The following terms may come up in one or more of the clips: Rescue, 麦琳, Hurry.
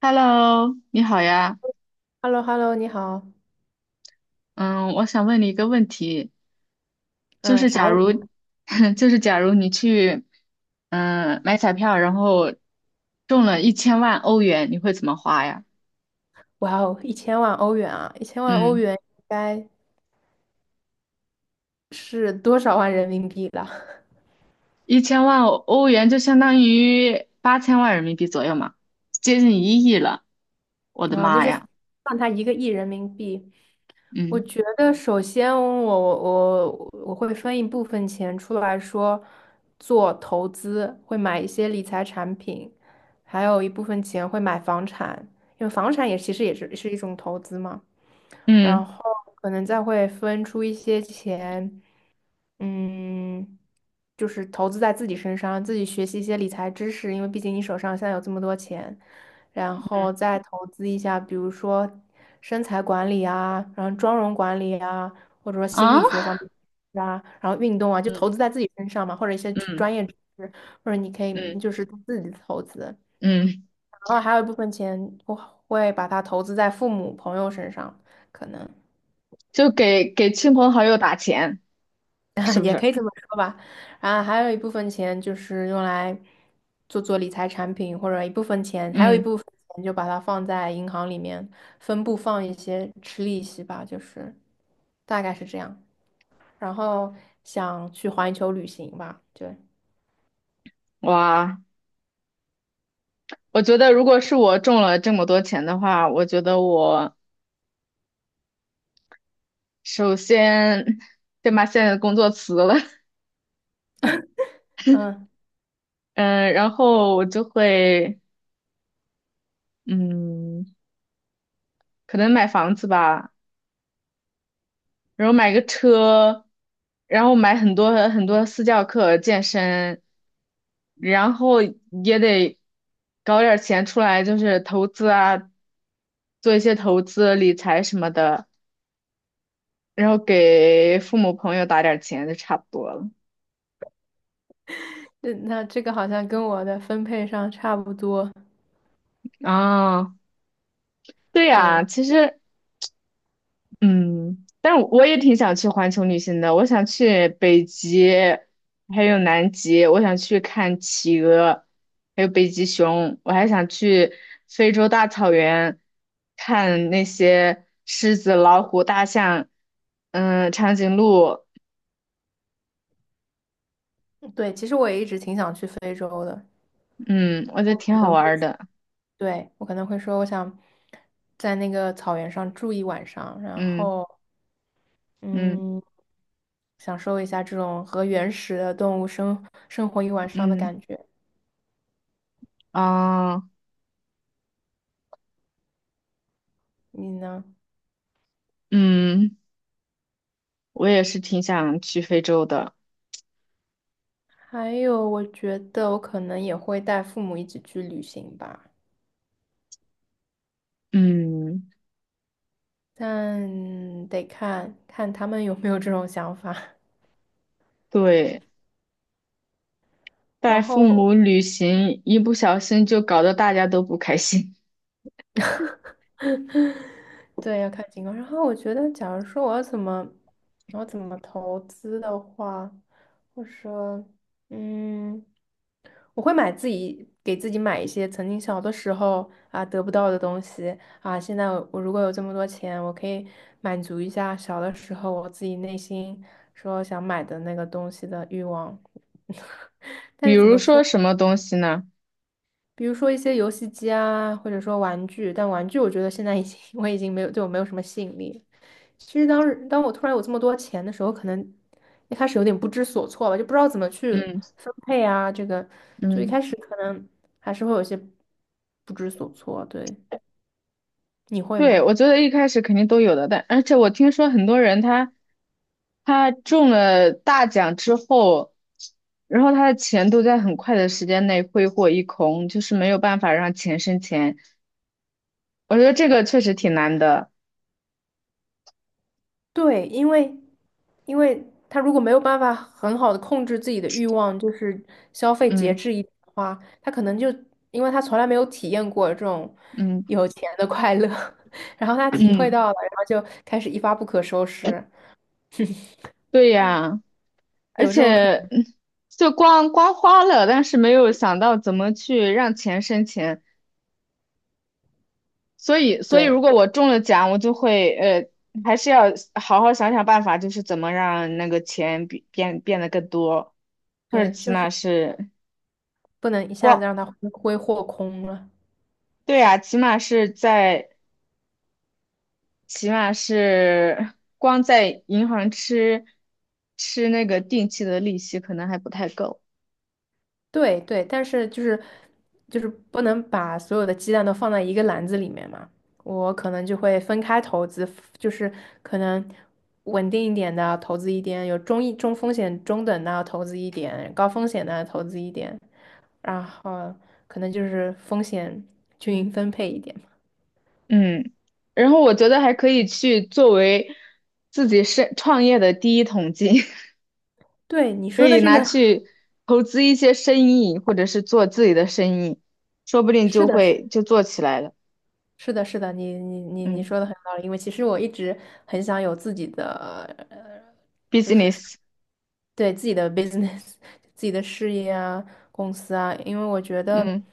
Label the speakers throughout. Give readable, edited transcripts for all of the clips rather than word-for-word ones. Speaker 1: Hello，你好呀。
Speaker 2: h e l l o 你好。
Speaker 1: 嗯，我想问你一个问题，就
Speaker 2: 嗯，
Speaker 1: 是
Speaker 2: 啥
Speaker 1: 假
Speaker 2: 问题？
Speaker 1: 如，就是假如你去，买彩票，然后中了一千万欧元，你会怎么花呀？
Speaker 2: 哇哦，一千万欧元啊！一千万欧
Speaker 1: 嗯，
Speaker 2: 元应该是多少万人民币了？
Speaker 1: 一千万欧元就相当于8000万人民币左右嘛，接近1亿了。我的
Speaker 2: 啊，那
Speaker 1: 妈
Speaker 2: 就算
Speaker 1: 呀！
Speaker 2: 他1个亿人民币。我
Speaker 1: 嗯
Speaker 2: 觉得，首先我会分一部分钱出来说做投资，会买一些理财产品，还有一部分钱会买房产，因为房产也其实也是一种投资嘛。然
Speaker 1: 嗯
Speaker 2: 后可能再会分出一些钱。嗯，就是投资在自己身上，自己学习一些理财知识，因为毕竟你手上现在有这么多钱，然后再投资一下，比如说身材管理啊，然后妆容管理啊，或者说心
Speaker 1: 啊，
Speaker 2: 理学方面啊，然后运动啊，就
Speaker 1: 嗯
Speaker 2: 投资在自己身上嘛，或者一些专
Speaker 1: 嗯
Speaker 2: 专业知识，或者你可以
Speaker 1: 嗯
Speaker 2: 就是自己投资，
Speaker 1: 嗯，
Speaker 2: 然后还有一部分钱我会把它投资在父母朋友身上，可能。
Speaker 1: 就给亲朋好友打钱，是 不
Speaker 2: 也可
Speaker 1: 是？
Speaker 2: 以这么说吧。然后还有一部分钱就是用来做理财产品，或者一部分钱，还有一
Speaker 1: 嗯，
Speaker 2: 部分钱就把它放在银行里面，分部放一些吃利息吧，就是大概是这样。然后想去环球旅行吧，对。
Speaker 1: 哇。我觉得如果是我中了这么多钱的话，我觉得我首先先把现在的工作辞了，
Speaker 2: 嗯，
Speaker 1: 嗯，然后我就会，嗯，可能买房子吧，然后买个车，然后买很多很多私教课、健身，然后也得搞点儿钱出来，就是投资啊，做一些投资理财什么的，然后给父母朋友打点儿钱就差不多了。
Speaker 2: 那这个好像跟我的分配上差不多。
Speaker 1: 啊，对呀，
Speaker 2: 对
Speaker 1: 其实，嗯，但我也挺想去环球旅行的。我想去北极，还有南极，我想去看企鹅，还有北极熊。我还想去非洲大草原，看那些狮子、老虎、大象，长颈鹿，
Speaker 2: 对，其实我也一直挺想去非洲的，
Speaker 1: 嗯，我觉得
Speaker 2: 我可
Speaker 1: 挺好
Speaker 2: 能
Speaker 1: 玩
Speaker 2: 会。
Speaker 1: 儿的。
Speaker 2: 对，我可能会说，我想在那个草原上住一晚上，然
Speaker 1: 嗯
Speaker 2: 后
Speaker 1: 嗯
Speaker 2: 嗯，享受一下这种和原始的动物生活一晚上的
Speaker 1: 嗯
Speaker 2: 感觉。
Speaker 1: 啊
Speaker 2: 你呢？
Speaker 1: 嗯，我也是挺想去非洲的。
Speaker 2: 还有，我觉得我可能也会带父母一起去旅行吧，
Speaker 1: 嗯，
Speaker 2: 但得看看他们有没有这种想法。
Speaker 1: 对。带
Speaker 2: 然
Speaker 1: 父
Speaker 2: 后
Speaker 1: 母旅行，一不小心就搞得大家都不开心。
Speaker 2: 对，要看情况。然后我觉得，假如说我要怎么，我要怎么投资的话，我说，嗯，我会买自己给自己买一些曾经小的时候啊得不到的东西啊。现在我如果有这么多钱，我可以满足一下小的时候我自己内心说想买的那个东西的欲望。但
Speaker 1: 比
Speaker 2: 是怎
Speaker 1: 如
Speaker 2: 么
Speaker 1: 说
Speaker 2: 说？
Speaker 1: 什么东西呢？
Speaker 2: 比如说一些游戏机啊，或者说玩具，但玩具我觉得现在已经 我已经没有对我没有什么吸引力了。其实当时当我突然有这么多钱的时候，可能一开始有点不知所措吧，就不知道怎么去
Speaker 1: 嗯
Speaker 2: 分配啊，这个就一开
Speaker 1: 嗯，
Speaker 2: 始可能还是会有些不知所措。对，你会
Speaker 1: 对，
Speaker 2: 吗？
Speaker 1: 我觉得一开始肯定都有的，但而且我听说很多人他中了大奖之后，然后他的钱都在很快的时间内挥霍一空，就是没有办法让钱生钱。我觉得这个确实挺难的。
Speaker 2: 对，因为他如果没有办法很好的控制自己的欲望，就是消费节
Speaker 1: 嗯
Speaker 2: 制一点的话，他可能就因为他从来没有体验过这种
Speaker 1: 嗯
Speaker 2: 有钱的快乐，然后他体会
Speaker 1: 嗯，
Speaker 2: 到了，然后就开始一发不可收拾，
Speaker 1: 对呀。而
Speaker 2: 有这种可
Speaker 1: 且
Speaker 2: 能。
Speaker 1: 就光花了，但是没有想到怎么去让钱生钱，所以
Speaker 2: 对
Speaker 1: 如果我中了奖，我就会还是要好好想想办法，就是怎么让那个钱变得更多，或者
Speaker 2: 对，
Speaker 1: 起
Speaker 2: 就
Speaker 1: 码
Speaker 2: 是
Speaker 1: 是
Speaker 2: 不能一下子
Speaker 1: 光，
Speaker 2: 让他挥霍空了。
Speaker 1: 对呀，起码是光在银行吃那个定期的利息可能还不太够。
Speaker 2: 对对，但是就是不能把所有的鸡蛋都放在一个篮子里面嘛。我可能就会分开投资，就是可能稳定一点的投资一点，有中一中风险中等的投资一点，高风险的投资一点，然后可能就是风险均匀分配一点嘛。
Speaker 1: 嗯，然后我觉得还可以去作为自己是创业的第一桶金，
Speaker 2: 对你
Speaker 1: 可
Speaker 2: 说的
Speaker 1: 以
Speaker 2: 这
Speaker 1: 拿
Speaker 2: 个，
Speaker 1: 去投资一些生意，或者是做自己的生意，说不定
Speaker 2: 是
Speaker 1: 就
Speaker 2: 的，
Speaker 1: 会就做起来了。
Speaker 2: 是的，是的，你
Speaker 1: 嗯
Speaker 2: 说的很有道理，因为其实我一直很想有自己的，呃，就是
Speaker 1: ，business。
Speaker 2: 对自己的 business 自己的事业啊、公司啊，因为我觉得，
Speaker 1: 嗯，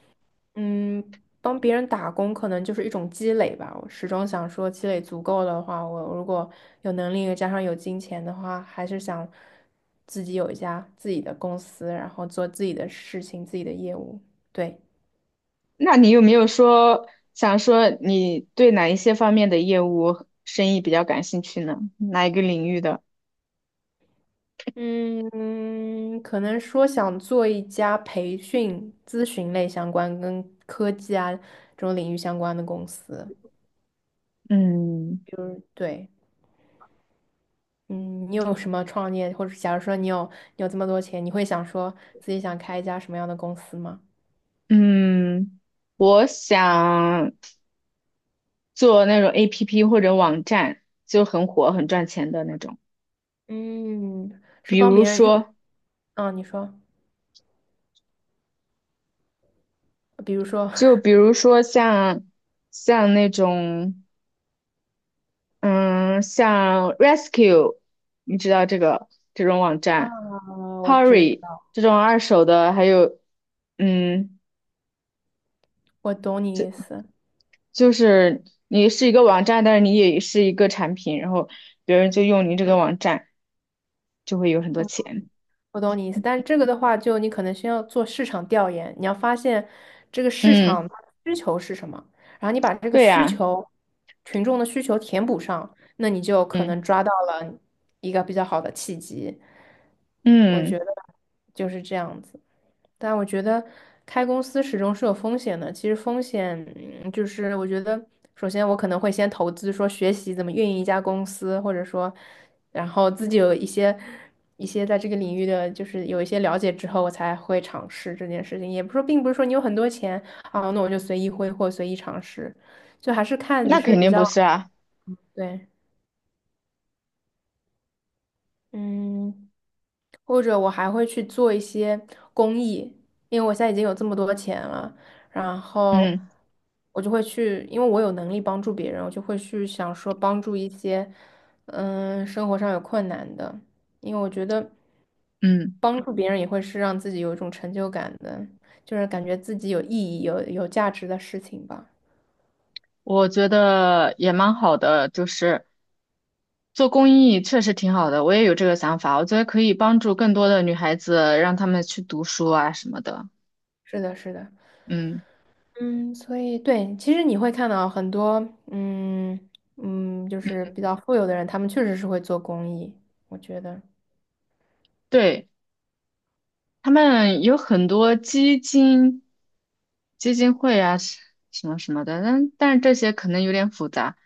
Speaker 2: 帮别人打工可能就是一种积累吧。我始终想说，积累足够的话，我如果有能力加上有金钱的话，还是想自己有一家自己的公司，然后做自己的事情、自己的业务。对。
Speaker 1: 那你有没有说想说你对哪一些方面的业务生意比较感兴趣呢？哪一个领域的？
Speaker 2: 嗯，可能说想做一家培训咨询类相关、跟科技啊这种领域相关的公司。
Speaker 1: 嗯
Speaker 2: 对，嗯，你有什么创业，或者假如说你有你有这么多钱，你会想说自己想开一家什么样的公司吗？
Speaker 1: 嗯，我想。做那种 APP 或者网站，就很火、很赚钱的那种。
Speaker 2: 嗯，是
Speaker 1: 比
Speaker 2: 帮
Speaker 1: 如
Speaker 2: 别人运，
Speaker 1: 说，
Speaker 2: 啊？你说，比如说，
Speaker 1: 像那种，嗯，像 Rescue，你知道这种网
Speaker 2: 啊，
Speaker 1: 站
Speaker 2: 我知
Speaker 1: ，Hurry
Speaker 2: 道，
Speaker 1: 这种二手的，还有，嗯，
Speaker 2: 我懂你意思。
Speaker 1: 就是你是一个网站，但是你也是一个产品，然后别人就用你这个网站，就会有很多钱。
Speaker 2: 我懂你意思，但是这个的话，就你可能先要做市场调研，你要发现这个市场
Speaker 1: 嗯，
Speaker 2: 它的需求是什么，然后你把这个
Speaker 1: 对
Speaker 2: 需
Speaker 1: 呀，
Speaker 2: 求，群众的需求填补上，那你就可能
Speaker 1: 嗯
Speaker 2: 抓到了一个比较好的契机。我觉
Speaker 1: 嗯，
Speaker 2: 得就是这样子。但我觉得开公司始终是有风险的。其实风险就是我觉得，首先我可能会先投资，说学习怎么运营一家公司，或者说，然后自己有一些在这个领域的，就是有一些了解之后，我才会尝试这件事情。也不是说，并不是说你有很多钱啊，那我就随意挥霍、随意尝试，就还是看你
Speaker 1: 那
Speaker 2: 是
Speaker 1: 肯
Speaker 2: 比
Speaker 1: 定不
Speaker 2: 较
Speaker 1: 是啊，
Speaker 2: 对。嗯，或者我还会去做一些公益，因为我现在已经有这么多钱了，然后
Speaker 1: 嗯
Speaker 2: 我就会去，因为我有能力帮助别人，我就会去想说帮助一些，生活上有困难的，因为我觉得
Speaker 1: 嗯。
Speaker 2: 帮助别人也会是让自己有一种成就感的，就是感觉自己有意义、有价值的事情吧。
Speaker 1: 我觉得也蛮好的，就是做公益确实挺好的，我也有这个想法，我觉得可以帮助更多的女孩子，让她们去读书啊什么的。
Speaker 2: 是的，是的。
Speaker 1: 嗯，
Speaker 2: 嗯，所以对，其实你会看到很多，嗯就是比较富有的人，他们确实是会做公益，我觉得，
Speaker 1: 对，他们有很多基金、基金会啊什么什么的，但是这些可能有点复杂。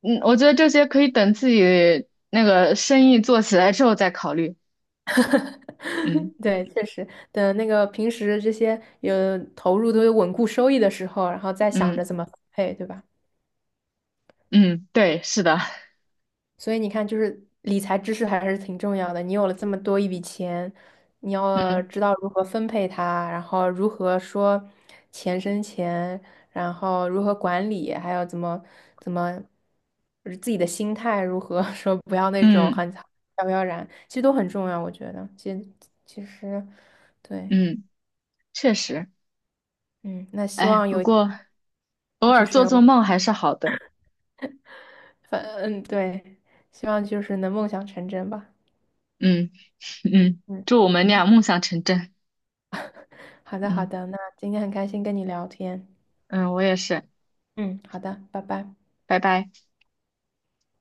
Speaker 1: 嗯，我觉得这些可以等自己那个生意做起来之后再考虑。嗯
Speaker 2: 对，确实等那个平时这些有投入都有稳固收益的时候，然后再想着
Speaker 1: 嗯
Speaker 2: 怎么分配，对吧？
Speaker 1: 嗯，对，是的，
Speaker 2: 所以你看，就是理财知识还是挺重要的。你有了这么多一笔钱，你要
Speaker 1: 嗯
Speaker 2: 知道如何分配它，然后如何说钱生钱，然后如何管理，还有怎么就是自己的心态如何 说不要那种
Speaker 1: 嗯
Speaker 2: 很飘飘然，其实都很重要。我觉得，其实对。
Speaker 1: 嗯，确实。
Speaker 2: 嗯，那希
Speaker 1: 哎，
Speaker 2: 望
Speaker 1: 不
Speaker 2: 有
Speaker 1: 过。偶
Speaker 2: 就
Speaker 1: 尔做
Speaker 2: 是
Speaker 1: 做梦还是好的。
Speaker 2: 反嗯对，希望就是能梦想成真吧。
Speaker 1: 嗯
Speaker 2: 嗯。
Speaker 1: 祝我们俩梦想成真。
Speaker 2: 好的，好
Speaker 1: 嗯
Speaker 2: 的，那今天很开心跟你聊天。
Speaker 1: 嗯，我也是，
Speaker 2: 嗯，好的，拜拜。
Speaker 1: 拜拜。